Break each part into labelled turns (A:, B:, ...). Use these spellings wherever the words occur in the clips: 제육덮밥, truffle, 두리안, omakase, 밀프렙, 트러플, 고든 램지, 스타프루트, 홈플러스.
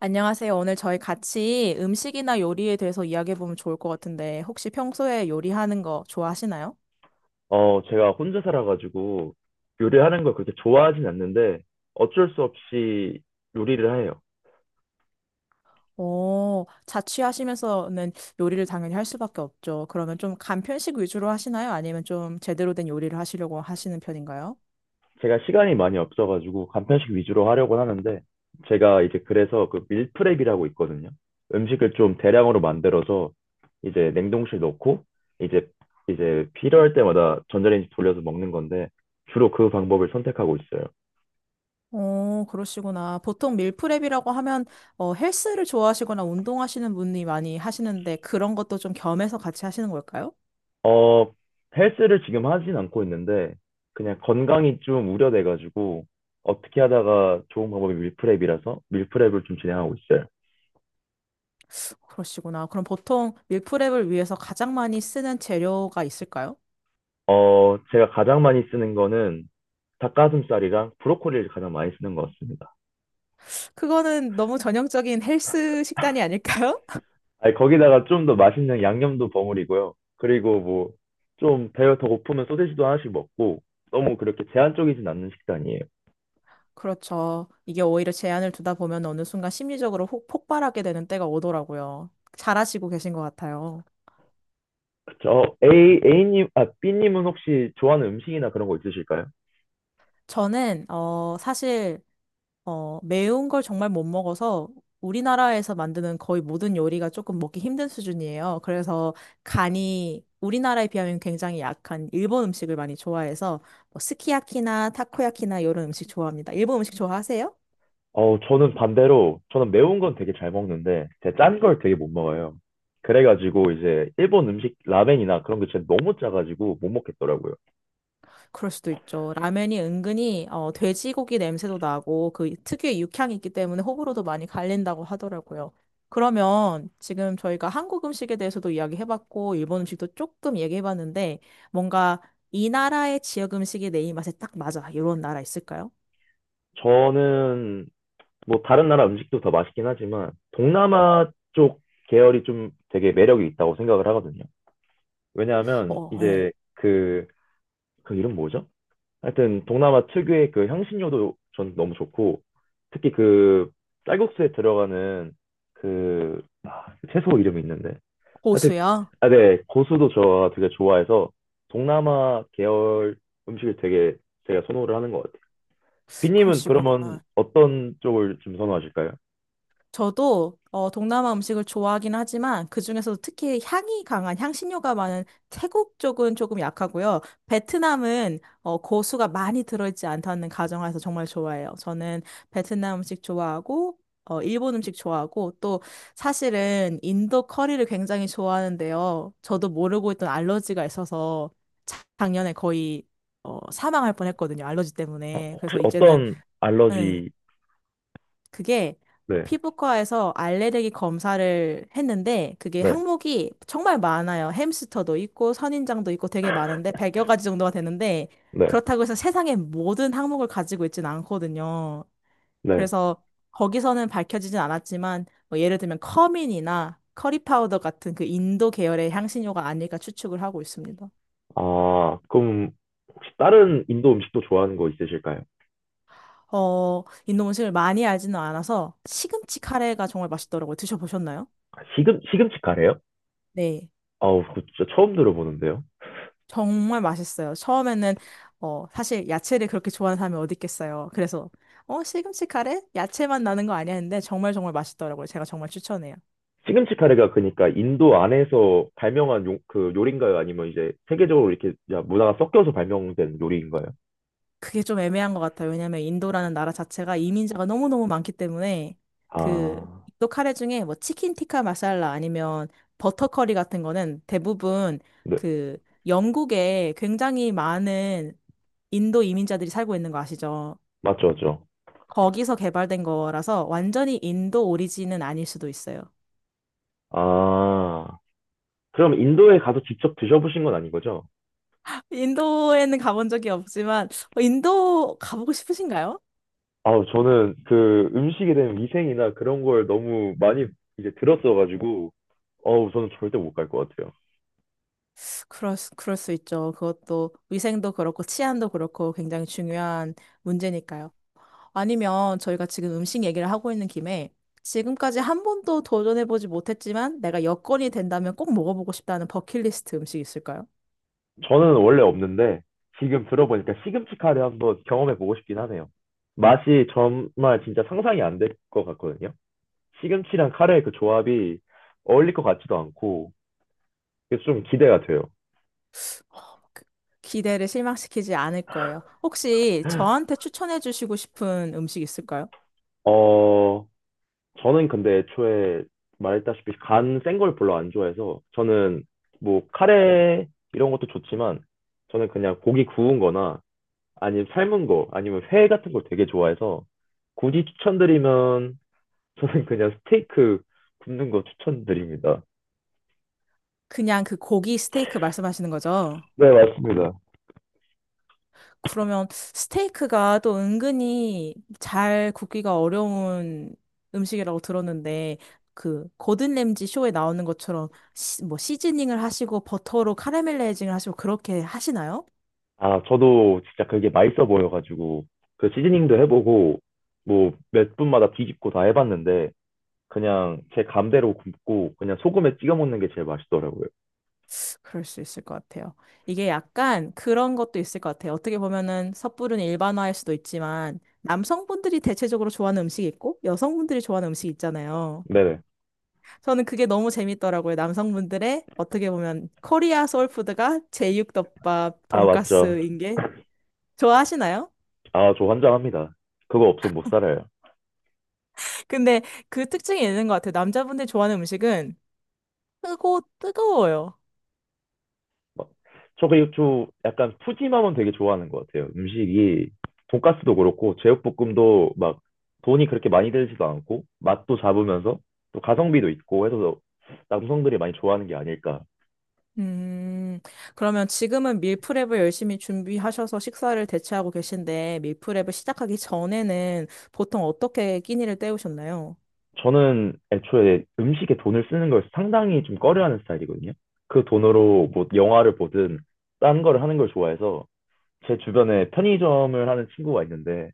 A: 안녕하세요. 오늘 저희 같이 음식이나 요리에 대해서 이야기해보면 좋을 것 같은데, 혹시 평소에 요리하는 거 좋아하시나요?
B: 제가 혼자 살아가지고 요리하는 걸 그렇게 좋아하진 않는데 어쩔 수 없이 요리를 해요.
A: 오, 자취하시면서는 요리를 당연히 할 수밖에 없죠. 그러면 좀 간편식 위주로 하시나요? 아니면 좀 제대로 된 요리를 하시려고 하시는 편인가요?
B: 제가 시간이 많이 없어가지고 간편식 위주로 하려고 하는데 제가 이제 그래서 그 밀프렙이라고 있거든요. 음식을 좀 대량으로 만들어서 이제 냉동실 넣고 이제 이제 필요할 때마다 전자레인지 돌려서 먹는 건데 주로 그 방법을 선택하고 있어요.
A: 오, 그러시구나. 보통 밀프렙이라고 하면 헬스를 좋아하시거나 운동하시는 분이 많이 하시는데 그런 것도 좀 겸해서 같이 하시는 걸까요?
B: 어, 헬스를 지금 하진 않고 있는데, 그냥 건강이 좀 우려돼가지고, 어떻게 하다가 좋은 방법이 밀프렙이라서 밀프렙을 좀 진행하고 있어요.
A: 그러시구나. 그럼 보통 밀프렙을 위해서 가장 많이 쓰는 재료가 있을까요?
B: 제가 가장 많이 쓰는 거는 닭가슴살이랑 브로콜리를 가장 많이 쓰는 것 같습니다.
A: 그거는 너무 전형적인 헬스 식단이 아닐까요?
B: 아니, 거기다가 좀 더 맛있는 양념도 버무리고요. 그리고 뭐, 좀 배가 더 고프면 소세지도 하나씩 먹고, 너무 그렇게 제한적이진 않는 식단이에요.
A: 그렇죠. 이게 오히려 제한을 두다 보면 어느 순간 심리적으로 폭발하게 되는 때가 오더라고요. 잘하시고 계신 것 같아요.
B: B님은 혹시 좋아하는 음식이나 그런 거 있으실까요?
A: 저는, 사실, 매운 걸 정말 못 먹어서 우리나라에서 만드는 거의 모든 요리가 조금 먹기 힘든 수준이에요. 그래서 간이 우리나라에 비하면 굉장히 약한 일본 음식을 많이 좋아해서 뭐 스키야키나 타코야키나 이런 음식 좋아합니다. 일본 음식 좋아하세요?
B: 저는 반대로, 저는 매운 건 되게 잘 먹는데, 제가 짠 걸 되게 못 먹어요. 그래가지고, 이제, 일본 음식, 라멘이나 그런 게 진짜 너무 짜가지고 못 먹겠더라고요.
A: 그럴 수도 있죠. 라면이 은근히 돼지고기 냄새도 나고 그 특유의 육향이 있기 때문에 호불호도 많이 갈린다고 하더라고요. 그러면 지금 저희가 한국 음식에 대해서도 이야기해봤고 일본 음식도 조금 얘기해봤는데 뭔가 이 나라의 지역 음식이 내 입맛에 딱 맞아. 이런 나라 있을까요?
B: 저는, 뭐, 다른 나라 음식도 더 맛있긴 하지만, 동남아 쪽 계열이 좀 되게 매력이 있다고 생각을 하거든요. 왜냐하면,
A: 어, 네.
B: 이제, 그 이름 뭐죠? 하여튼, 동남아 특유의 그 향신료도 전 너무 좋고, 특히 쌀국수에 들어가는 그 채소 이름이 있는데, 하여튼,
A: 고수야?
B: 아, 네, 고수도 저 되게 좋아해서 동남아 계열 음식을 되게 제가 선호를 하는 것 같아요. 빈님은
A: 그러시구나.
B: 그러면 어떤 쪽을 좀 선호하실까요?
A: 저도 동남아 음식을 좋아하긴 하지만 그중에서도 특히 향이 강한 향신료가 많은 태국 쪽은 조금 약하고요. 베트남은 고수가 많이 들어있지 않다는 가정하에서 정말 좋아해요. 저는 베트남 음식 좋아하고 일본 음식 좋아하고 또 사실은 인도 커리를 굉장히 좋아하는데요. 저도 모르고 있던 알러지가 있어서 작년에 거의 사망할 뻔했거든요. 알러지
B: 아,
A: 때문에.
B: 혹시
A: 그래서 이제는
B: 어떤
A: 응,
B: 알러지,
A: 그게
B: 네,
A: 피부과에서 알레르기 검사를 했는데 그게
B: 네,
A: 항목이 정말 많아요. 햄스터도 있고 선인장도 있고 되게 많은데 100여 가지 정도가 되는데
B: 네,
A: 그렇다고 해서 세상의 모든 항목을 가지고 있진 않거든요.
B: 네.
A: 그래서 거기서는 밝혀지진 않았지만 뭐 예를 들면 커민이나 커리 파우더 같은 그 인도 계열의 향신료가 아닐까 추측을 하고 있습니다.
B: 아, 그럼 혹시 다른 인도 음식도 좋아하는 거 있으실까요?
A: 인도 음식을 많이 알지는 않아서 시금치 카레가 정말 맛있더라고요. 드셔보셨나요?
B: 시금치 카레요?
A: 네.
B: 아우, 그 진짜 처음 들어보는데요.
A: 정말 맛있어요. 처음에는 사실 야채를 그렇게 좋아하는 사람이 어디 있겠어요. 그래서 시금치 카레? 야채만 나는 거 아니야 했는데 정말 정말 맛있더라고요. 제가 정말 추천해요.
B: 시금치 카레가 그러니까 인도 안에서 그 요리인가요? 아니면 이제 세계적으로 이렇게 문화가 섞여서 발명된 요리인가요?
A: 그게 좀 애매한 것 같아요. 왜냐면 인도라는 나라 자체가 이민자가 너무너무 많기 때문에 그
B: 아,
A: 인도 카레 중에 뭐 치킨 티카 마살라 아니면 버터 커리 같은 거는 대부분
B: 네.
A: 그 영국에 굉장히 많은 인도 이민자들이 살고 있는 거 아시죠?
B: 맞죠, 맞죠.
A: 거기서 개발된 거라서 완전히 인도 오리진은 아닐 수도 있어요.
B: 아, 그럼 인도에 가서 직접 드셔보신 건 아닌 거죠?
A: 인도에는 가본 적이 없지만 인도 가보고 싶으신가요?
B: 아우, 저는 그 음식에 대한 위생이나 그런 걸 너무 많이 이제 들었어가지고, 어우, 저는 절대 못 갈 것 같아요.
A: 그럴 수 있죠. 그것도 위생도 그렇고 치안도 그렇고 굉장히 중요한 문제니까요. 아니면 저희가 지금 음식 얘기를 하고 있는 김에 지금까지 한 번도 도전해보지 못했지만 내가 여건이 된다면 꼭 먹어보고 싶다는 버킷리스트 음식 있을까요?
B: 저는 원래 없는데, 지금 들어보니까 시금치카레 한번 경험해보고 싶긴 하네요. 맛이 정말 진짜 상상이 안 될 것 같거든요. 시금치랑 카레의 그 조합이 어울릴 것 같지도 않고, 그래서 좀 기대가 돼요.
A: 기대를 실망시키지 않을 거예요. 혹시 저한테 추천해 주시고 싶은 음식 있을까요?
B: 어, 저는 근데 애초에 말했다시피 간 센 걸 별로 안 좋아해서 저는 뭐 카레 이런 것도 좋지만 저는 그냥 고기 구운 거나 아니면 삶은 거 아니면 회 같은 걸 되게 좋아해서 굳이 추천드리면 저는 그냥 스테이크 굽는 거 추천드립니다.
A: 그냥 그 고기 스테이크 말씀하시는 거죠?
B: 네, 맞습니다.
A: 그러면 스테이크가 또 은근히 잘 굽기가 어려운 음식이라고 들었는데 그 고든 램지 쇼에 나오는 것처럼 뭐 시즈닝을 하시고 버터로 카라멜라이징을 하시고 그렇게 하시나요?
B: 아, 저도 진짜 그게 맛있어 보여가지고, 그 시즈닝도 해보고, 뭐, 몇 분마다 뒤집고 다 해봤는데, 그냥 제 감대로 굽고, 그냥 소금에 찍어 먹는 게 제일 맛있더라고요.
A: 그럴 수 있을 것 같아요. 이게 약간 그런 것도 있을 것 같아요. 어떻게 보면은 섣부른 일반화일 수도 있지만 남성분들이 대체적으로 좋아하는 음식이 있고 여성분들이 좋아하는 음식이 있잖아요.
B: 네네.
A: 저는 그게 너무 재밌더라고요. 남성분들의 어떻게 보면 코리아 소울푸드가 제육덮밥,
B: 아, 맞죠.
A: 돈가스인 게 좋아하시나요?
B: 아, 저 환장합니다. 그거 없으면 못 살아요.
A: 근데 그 특징이 있는 것 같아요. 남자분들이 좋아하는 음식은 뜨고 뜨거워요.
B: 막, 저 그 저 약간 푸짐함은 되게 좋아하는 것 같아요. 음식이 돈가스도 그렇고 제육볶음도 막 돈이 그렇게 많이 들지도 않고 맛도 잡으면서 또 가성비도 있고 해서 남성들이 많이 좋아하는 게 아닐까.
A: 음, 그러면 지금은 밀프렙을 열심히 준비하셔서 식사를 대체하고 계신데, 밀프렙을 시작하기 전에는 보통 어떻게 끼니를 때우셨나요?
B: 저는 애초에 음식에 돈을 쓰는 걸 상당히 좀 꺼려하는 스타일이거든요. 그 돈으로 뭐 영화를 보든 딴 거를 하는 걸 좋아해서 제 주변에 편의점을 하는 친구가 있는데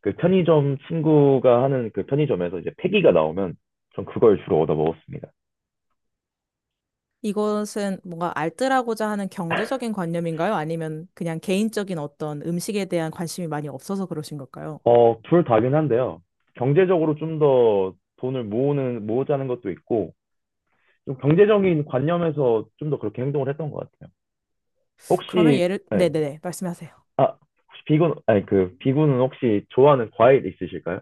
B: 그 편의점 친구가 하는 그 편의점에서 이제 폐기가 나오면 전 그걸 주로 얻어 먹었습니다.
A: 이것은 뭔가 알뜰하고자 하는 경제적인 관념인가요? 아니면 그냥 개인적인 어떤 음식에 대한 관심이 많이 없어서 그러신 걸까요?
B: 어, 둘 다긴 한데요. 경제적으로 좀 더 모으자는 것도 있고, 좀 경제적인 관념에서 좀 더 그렇게 행동을 했던 것 같아요.
A: 그러면
B: 혹시, 네.
A: 네네네, 말씀하세요.
B: 아, 혹시 비군, 아니, 그, 비군은 혹시 좋아하는 과일 있으실까요?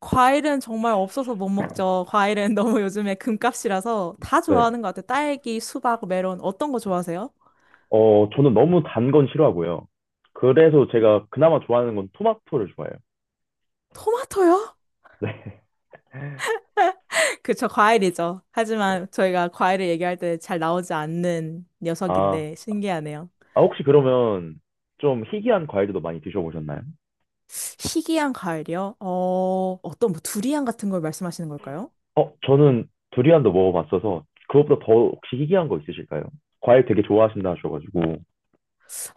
A: 과일은 정말 없어서 못 먹죠. 과일은 너무 요즘에 금값이라서 다
B: 네.
A: 좋아하는 것 같아요. 딸기, 수박, 메론, 어떤 거 좋아하세요?
B: 저는 너무 단건 싫어하고요. 그래서 제가 그나마 좋아하는 건 토마토를 좋아해요.
A: 토마토요?
B: 네.
A: 그쵸, 과일이죠. 하지만 저희가 과일을 얘기할 때 잘 나오지 않는
B: 아,
A: 녀석인데 신기하네요.
B: 아, 혹시 그러면 좀 희귀한 과일들도 많이 드셔보셨나요?
A: 희귀한 과일이요? 어떤 뭐 두리안 같은 걸 말씀하시는 걸까요?
B: 어, 저는 두리안도 먹어봤어서 그것보다 더 혹시 희귀한 거 있으실까요? 과일 되게 좋아하신다 하셔가지고.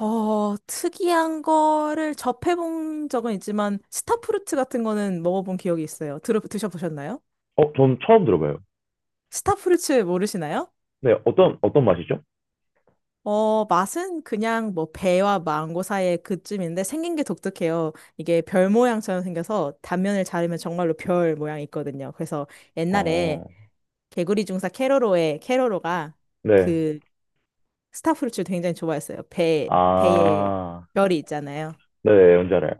A: 특이한 거를 접해본 적은 있지만 스타프루트 같은 거는 먹어본 기억이 있어요. 드셔보셨나요?
B: 어, 전 처음 들어봐요.
A: 스타프루트 모르시나요?
B: 어떤 맛이죠?
A: 맛은 그냥 뭐 배와 망고 사이의 그쯤인데 생긴 게 독특해요. 이게 별 모양처럼 생겨서 단면을 자르면 정말로 별 모양이 있거든요. 그래서 옛날에
B: 어,
A: 개구리 중사 캐로로의 캐로로가
B: 네.
A: 그 스타프루츠를 굉장히 좋아했어요. 배에
B: 아,
A: 별이 있잖아요.
B: 네, 네, 뭔지 알아요.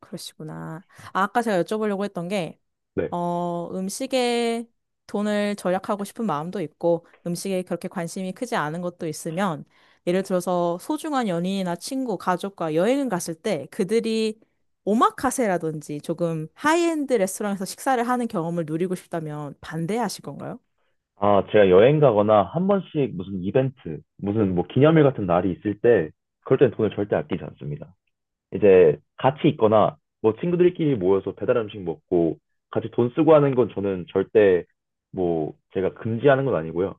A: 그러시구나. 아, 아까 제가 여쭤보려고 했던 게
B: 네.
A: 음식에 돈을 절약하고 싶은 마음도 있고, 음식에 그렇게 관심이 크지 않은 것도 있으면, 예를 들어서 소중한 연인이나 친구, 가족과 여행을 갔을 때 그들이 오마카세라든지 조금 하이엔드 레스토랑에서 식사를 하는 경험을 누리고 싶다면 반대하실 건가요?
B: 아, 제가 여행 가거나 한 번씩 무슨 이벤트, 무슨 뭐 기념일 같은 날이 있을 때, 그럴 땐 돈을 절대 아끼지 않습니다. 이제 같이 있거나 뭐 친구들끼리 모여서 배달 음식 먹고 같이 돈 쓰고 하는 건 저는 절대 뭐 제가 금지하는 건 아니고요.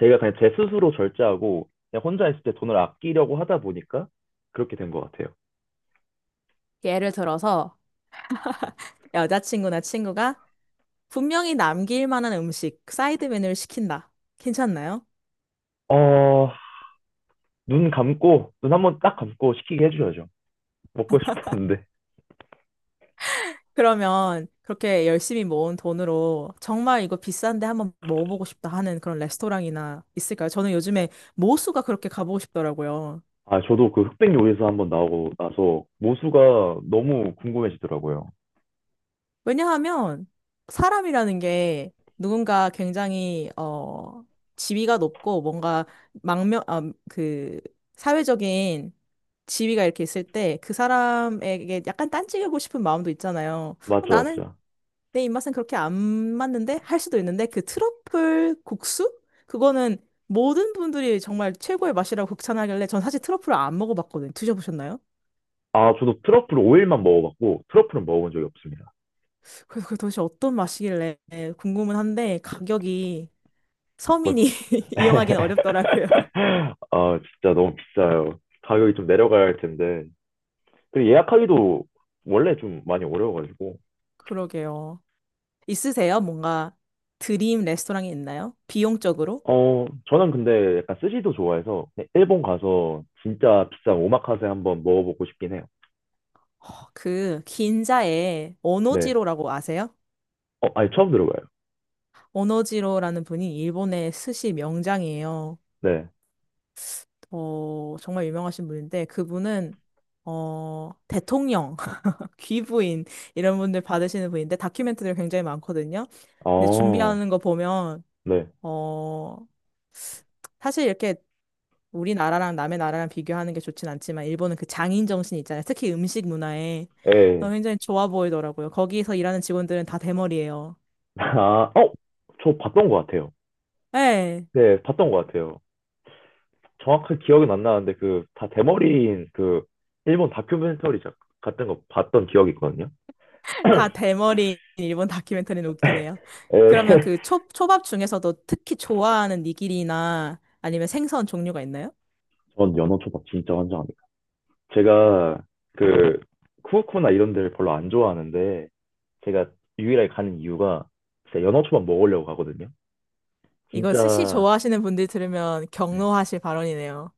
B: 제가 그냥 제 스스로 절제하고 그냥 혼자 있을 때 돈을 아끼려고 하다 보니까 그렇게 된 것 같아요.
A: 예를 들어서 여자친구나 친구가 분명히 남길 만한 음식, 사이드 메뉴를 시킨다. 괜찮나요?
B: 어, 눈 한 번 딱 감고 시키게 해줘야죠. 먹고 싶었는데.
A: 그러면 그렇게 열심히 모은 돈으로 정말 이거 비싼데 한번 먹어보고 싶다 하는 그런 레스토랑이나 있을까요? 저는 요즘에 모수가 그렇게 가보고 싶더라고요.
B: 아, 저도 그 흑백 요리사 한번 나오고 나서 모수가 너무 궁금해지더라고요.
A: 왜냐하면 사람이라는 게 누군가 굉장히 지위가 높고 뭔가 망명 아, 그 사회적인 지위가 이렇게 있을 때 그 사람에게 약간 딴지우고 싶은 마음도 있잖아요.
B: 맞죠,
A: 나는
B: 맞죠.
A: 내 입맛은 그렇게 안 맞는데 할 수도 있는데 그 트러플 국수? 그거는 모든 분들이 정말 최고의 맛이라고 극찬하길래 전 사실 트러플을 안 먹어봤거든요. 드셔보셨나요?
B: 아, 저도 트러플 오일만 먹어봤고 트러플은 먹어본 적이 없습니다.
A: 그래서 그 도대체 어떤 맛이길래 궁금은 한데 가격이 서민이 이용하기는 어렵더라고요.
B: 아, 진짜 너무 비싸요. 가격이 좀 내려가야 할 텐데. 그리고 예약하기도 원래 좀 많이 어려워가지고.
A: 그러게요. 있으세요? 뭔가 드림 레스토랑이 있나요? 비용적으로?
B: 어, 저는 근데 약간 스시도 좋아해서 그냥 일본 가서 진짜 비싼 오마카세 한번 먹어보고 싶긴 해요.
A: 그 긴자에
B: 네.
A: 오노지로라고 아세요?
B: 어, 아니, 처음 들어봐요.
A: 오노지로라는 분이 일본의 스시 명장이에요.
B: 네.
A: 정말 유명하신 분인데 그분은 대통령, 귀부인 이런 분들 받으시는 분인데 다큐멘터리가 굉장히 많거든요. 근데
B: 어,
A: 준비하는 거 보면
B: 네.
A: 어, 사실 이렇게 우리나라랑 남의 나라랑 비교하는 게 좋진 않지만 일본은 그 장인 정신 있잖아요. 특히 음식 문화에
B: 예.
A: 굉장히 좋아 보이더라고요. 거기서 일하는 직원들은 다 대머리예요.
B: 아, 어, 저 봤던 것 같아요.
A: 네,
B: 네, 봤던 것 같아요. 정확한 기억은 안 나는데 그 다 대머리인 그 일본 같은 거 봤던 기억이 있거든요.
A: 다 대머리 일본 다큐멘터리는 웃기네요. 그러면
B: 에
A: 초밥 중에서도 특히 좋아하는 니기리나 아니면 생선 종류가 있나요?
B: 전 연어 초밥 진짜 환장합니다. 제가 그 쿠오쿠나 이런 데를 별로 안 좋아하는데 제가 유일하게 가는 이유가 진짜 연어 초밥 먹으려고 가거든요.
A: 이거 스시
B: 진짜
A: 좋아하시는 분들 들으면 경로하실 발언이네요.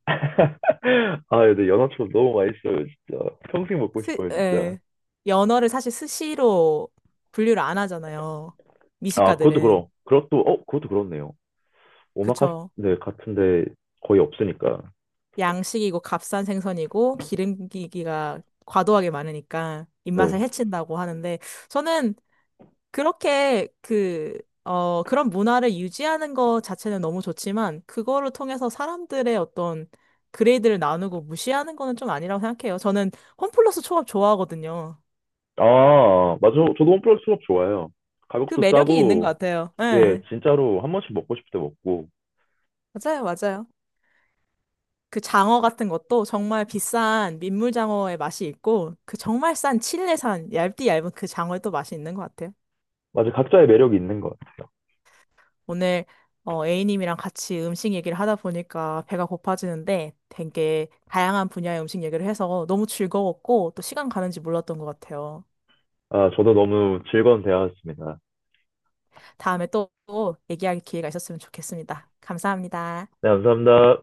B: 아 근데 연어 초밥 너무 맛있어요 진짜 평생 먹고 싶어요 진짜.
A: 예, 연어를 사실 스시로 분류를 안 하잖아요.
B: 아 그것도
A: 미식가들은.
B: 그럼 그것도 어 그것도 그렇네요. 오마카세
A: 그쵸.
B: 네, 같은데 거의 없으니까.
A: 양식이고 값싼 생선이고 기름기가 과도하게 많으니까
B: 네.
A: 입맛을 해친다고 하는데 저는 그렇게 그런 문화를 유지하는 것 자체는 너무 좋지만 그거를 통해서 사람들의 어떤 그레이드를 나누고 무시하는 거는 좀 아니라고 생각해요. 저는 홈플러스 초밥 좋아하거든요.
B: 아 맞아 저도 홈플러스 초밥 좋아해요.
A: 그
B: 가격도
A: 매력이 있는 것
B: 싸고
A: 같아요.
B: 예
A: 네.
B: 진짜로 한 번씩 먹고 싶을 때 먹고
A: 맞아요, 맞아요. 그 장어 같은 것도 정말 비싼 민물장어의 맛이 있고, 그 정말 싼 칠레산 얇디 얇은 그 장어의 또 맛이 있는 것 같아요.
B: 맞아, 각자의 매력이 있는 것.
A: 오늘 A님이랑 같이 음식 얘기를 하다 보니까 배가 고파지는데 되게 다양한 분야의 음식 얘기를 해서 너무 즐거웠고 또 시간 가는지 몰랐던 것 같아요.
B: 아, 저도 너무 즐거운 대화였습니다.
A: 다음에 또 얘기할 기회가 있었으면 좋겠습니다. 감사합니다.
B: 네, 감사합니다.